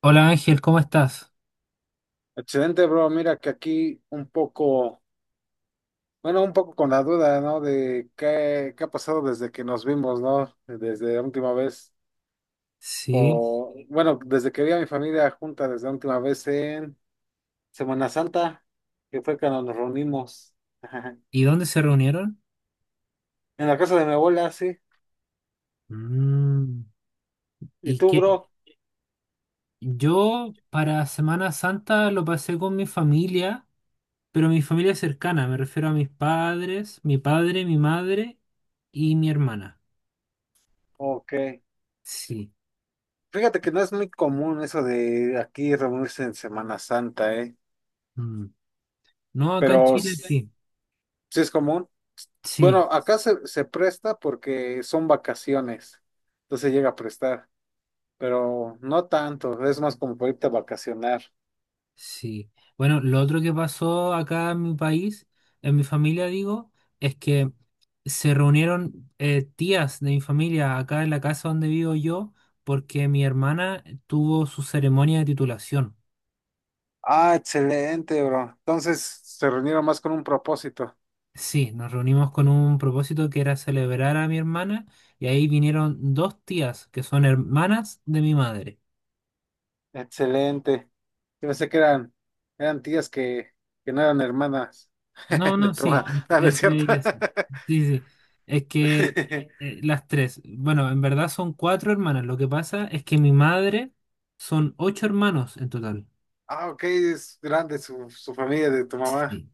Hola Ángel, ¿cómo estás? Excelente, bro. Mira que aquí un poco, bueno, un poco con la duda, ¿no? De qué ha pasado desde que nos vimos, ¿no? Desde la última vez, Sí. Bueno, desde que vi a mi familia junta, desde la última vez en Semana Santa, que fue cuando nos reunimos ¿Y dónde se en reunieron? la casa de mi abuela, sí. Mm, ¿Y Y tú, que bro? yo para Semana Santa lo pasé con mi familia, pero mi familia cercana, me refiero a mis padres, mi padre, mi madre y mi hermana. Ok. Sí. Fíjate que no es muy común eso de aquí reunirse en Semana Santa, ¿eh? Mm. No, acá en Pero Chile sí. sí es común. Sí. Bueno, acá se presta porque son vacaciones, entonces llega a prestar, pero no tanto, es más como para irte a vacacionar. Sí. Bueno, lo otro que pasó acá en mi país, en mi familia digo, es que se reunieron tías de mi familia acá en la casa donde vivo yo, porque mi hermana tuvo su ceremonia de titulación. Ah, excelente, bro. Entonces se reunieron más con un propósito. Sí, nos reunimos con un propósito que era celebrar a mi hermana y ahí vinieron dos tías que son hermanas de mi madre. Excelente. Yo pensé que eran tías que no eran hermanas No, no, de tu sí, mamá. No, no es entre cierto. ellas. Sí, sí, sí. Es que las tres, bueno, en verdad son cuatro hermanas. Lo que pasa es que mi madre son ocho hermanos en total. Ah, ok, es grande su familia de tu mamá. Sí.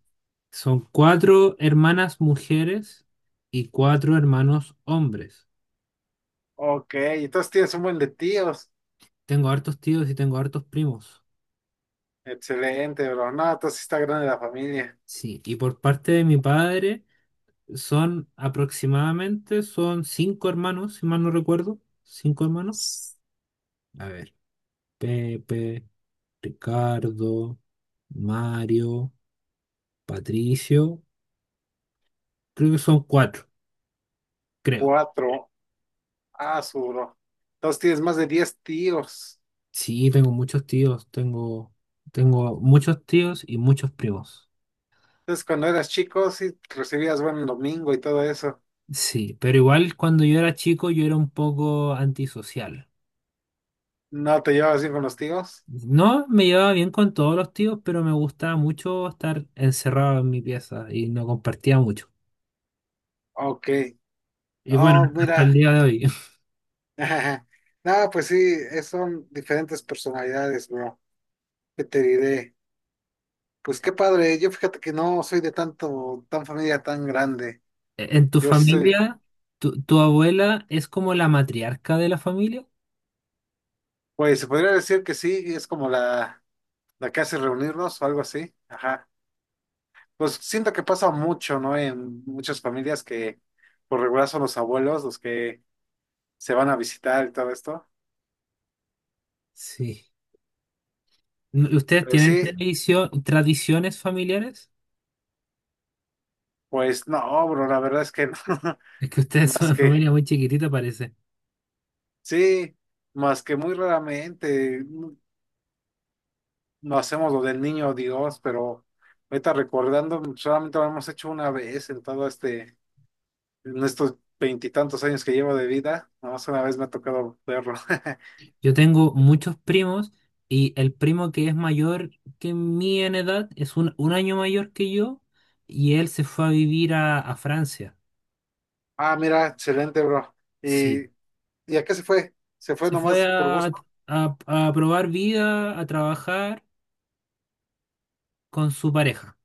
Son cuatro hermanas mujeres y cuatro hermanos hombres. Ok, entonces tienes un buen de tíos. Tengo hartos tíos y tengo hartos primos. Excelente, bro. No, entonces sí está grande la familia. Sí, y por parte de mi padre son aproximadamente, son cinco hermanos, si mal no recuerdo. Cinco hermanos. A ver. Pepe. Ricardo, Mario, Patricio. Creo que son cuatro, creo. Cuatro. Ah, su bro. Entonces tienes más de 10 tíos. Sí, tengo muchos tíos, tengo muchos tíos y muchos primos. Entonces cuando eras chico, sí recibías buen domingo y todo eso. Sí, pero igual cuando yo era chico yo era un poco antisocial. ¿No te llevabas bien con los tíos? No me llevaba bien con todos los tíos, pero me gustaba mucho estar encerrado en mi pieza y no compartía mucho. Ok. Y Oh, bueno, hasta mira. el día de hoy. No, pues sí, son diferentes personalidades, bro. ¿Qué te diré? Pues qué padre. Yo fíjate que no soy de tan familia tan grande. ¿En tu Yo soy, familia, tu abuela es como la matriarca de la familia? pues se podría decir que sí, es como la que hace reunirnos o algo así. Ajá. Pues siento que pasa mucho, ¿no? En muchas familias que por regular son los abuelos los que se van a visitar y todo esto. Sí. ¿Ustedes Pero tienen sí, tradiciones familiares? pues no, bro, la verdad es que no. Es que ustedes son Más una que, familia muy chiquitita, parece. sí, más que muy raramente no hacemos lo del niño Dios, pero ahorita recordando, solamente lo hemos hecho una vez en en estos veintitantos años que llevo de vida. Nada más una vez me ha tocado verlo. Yo tengo muchos primos y el primo que es mayor que mí en edad es un año mayor que yo y él se fue a vivir a Francia. Ah, mira, excelente, bro. Sí, Y ¿Y a qué se fue? Se fue se fue nomás por gusto. a, a probar vida, a trabajar con su pareja.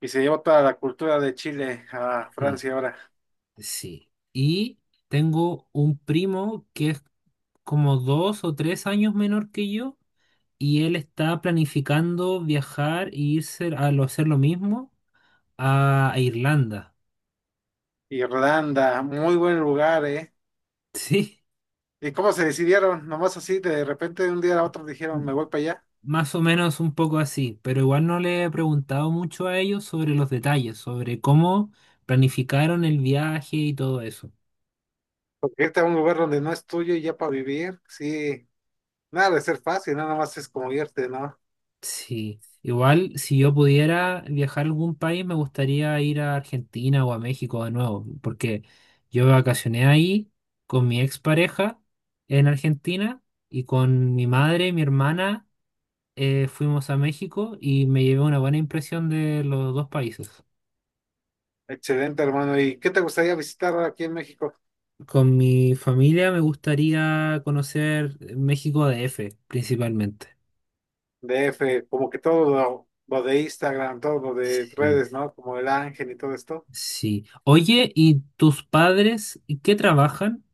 Y se llevó toda la cultura de Chile a Sí, Francia ahora. sí. Y tengo un primo que es como 2 o 3 años menor que yo y él está planificando viajar e irse a hacer lo mismo a Irlanda. Irlanda, muy buen lugar, ¿eh? Sí, ¿Y cómo se decidieron? Nomás así, de repente, de un día a otro dijeron, me voy para allá. más o menos un poco así, pero igual no le he preguntado mucho a ellos sobre los detalles, sobre cómo planificaron el viaje y todo eso. Porque irte a un lugar donde no es tuyo y ya para vivir, sí, nada de ser fácil, nada más es como irte, ¿no? Sí, igual si yo pudiera viajar a algún país me gustaría ir a Argentina o a México de nuevo, porque yo vacacioné ahí con mi expareja en Argentina y con mi madre, mi hermana fuimos a México y me llevé una buena impresión de los dos países. Excelente, hermano. ¿Y qué te gustaría visitar aquí en México? Con mi familia me gustaría conocer México DF principalmente. DF, como que todo lo de Instagram, todo lo de Sí, redes, ¿no? Como el Ángel y todo esto. sí. Oye, ¿y tus padres qué trabajan?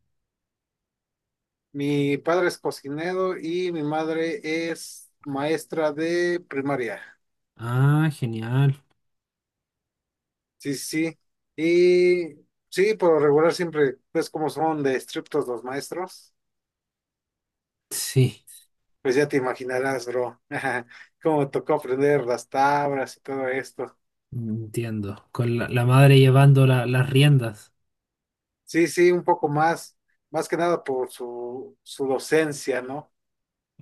Mi padre es cocinero y mi madre es maestra de primaria. Ah, genial. Sí, sí, sí. Y sí, por lo regular siempre, pues como son de estrictos los maestros, Sí, pues ya te imaginarás, bro, cómo me tocó aprender las tablas y todo esto. entiendo. Con la madre llevando las riendas. Sí, sí, un poco más que nada por su docencia, ¿no?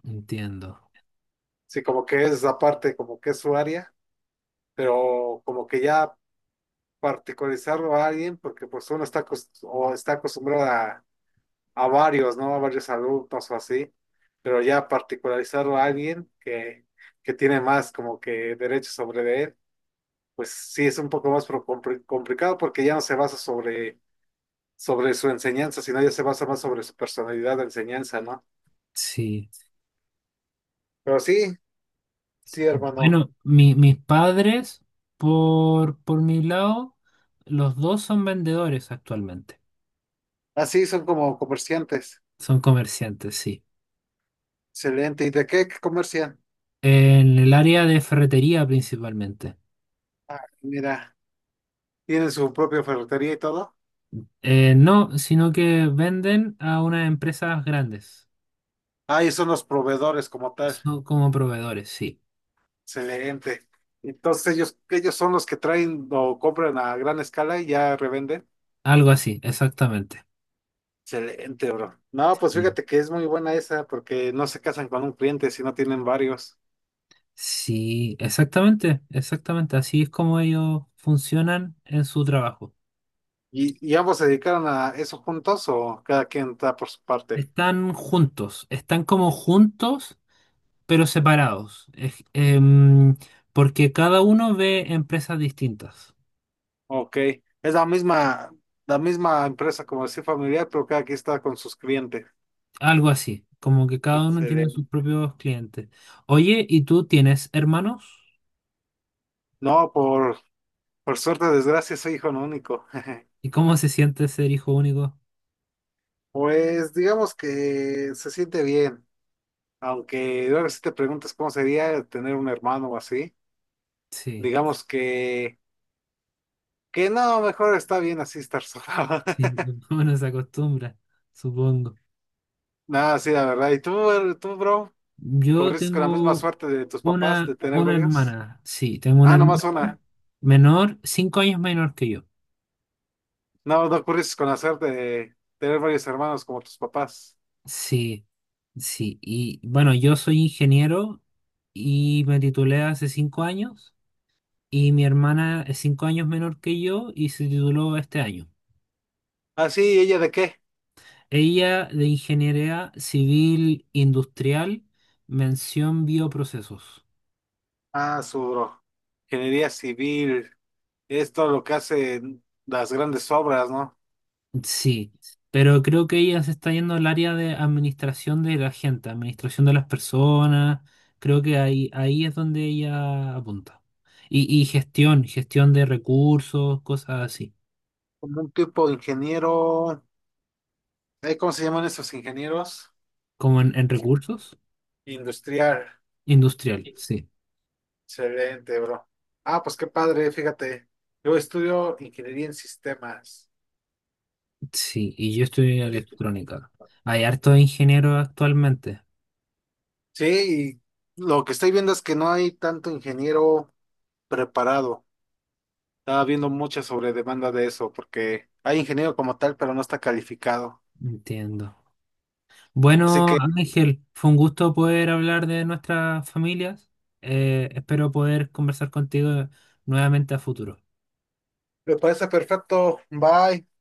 Entiendo. Sí, como que es la parte, como que es su área, pero como que ya particularizarlo a alguien, porque pues uno está, o está acostumbrado a varios, ¿no? A varios alumnos o así, pero ya particularizarlo a alguien que tiene más como que derechos sobre de él, pues sí es un poco más complicado porque ya no se basa sobre su enseñanza, sino ya se basa más sobre su personalidad de enseñanza, ¿no? Sí. Pero sí, sí, hermano. Bueno, mis padres, por mi lado, los dos son vendedores actualmente. Así son como comerciantes. Son comerciantes, sí. Excelente. ¿Y de qué comercian? En el área de ferretería principalmente. Ah, mira, tienen su propia ferretería y todo. No, sino que venden a unas empresas grandes. Ah, y son los proveedores como tal. Son como proveedores, sí. Excelente. Entonces ellos son los que traen o compran a gran escala y ya revenden. Algo así, exactamente. Excelente, bro. No, pues Sí, fíjate que es muy buena esa porque no se casan con un cliente, sino tienen varios. Sí, exactamente, exactamente. Así es como ellos funcionan en su trabajo. Y ambos se dedicaron a eso juntos o cada quien está por su parte? Están juntos, están como juntos, pero separados. Porque cada uno ve empresas distintas. Ok. Es la misma empresa, como decir, familiar, pero cada quien está con sus clientes. Algo así, como que cada uno tiene sus Excelente. propios clientes. Oye, ¿y tú tienes hermanos? No, por suerte, o desgracia, soy hijo único. ¿Y cómo se siente ser hijo único? Pues digamos que se siente bien. Aunque luego si te preguntas cómo sería tener un hermano o así, Sí, digamos que no, mejor está bien así estar solo. sí, uno se acostumbra, supongo. Nada, sí, la verdad. ¿Y tú, bro? Yo ¿Corriste con la misma tengo suerte de tus papás una, de tener una varios? hermana, sí, tengo una Ah, nomás hermana una. menor, 5 años menor que yo. No, no corriste con la suerte de tener varios hermanos como tus papás. Sí, sí. Y bueno, yo soy ingeniero y me titulé hace 5 años y mi hermana es 5 años menor que yo y se tituló este año. Ah, sí, ¿y ella de qué? Ella de Ingeniería Civil Industrial, mención bioprocesos. Ah, su bro. Ingeniería civil. Es todo lo que hacen las grandes obras, ¿no? Sí, pero creo que ella se está yendo al área de administración de la gente, administración de las personas. Creo que ahí es donde ella apunta. Y gestión de recursos, cosas así. Como un tipo de ingeniero. ¿Cómo se llaman esos ingenieros? Como en recursos, Industrial, industrial, sí. excelente, bro. Ah, pues qué padre, fíjate. Yo estudio ingeniería en sistemas. Sí, y yo estoy en Y- electrónica. Hay hartos ingenieros actualmente. Sí, y lo que estoy viendo es que no hay tanto ingeniero preparado. Estaba viendo mucha sobredemanda de eso, porque hay ingeniero como tal, pero no está calificado. Entiendo. Así Bueno, que Ángel, fue un gusto poder hablar de nuestras familias. Espero poder conversar contigo nuevamente a futuro. me parece perfecto. Bye.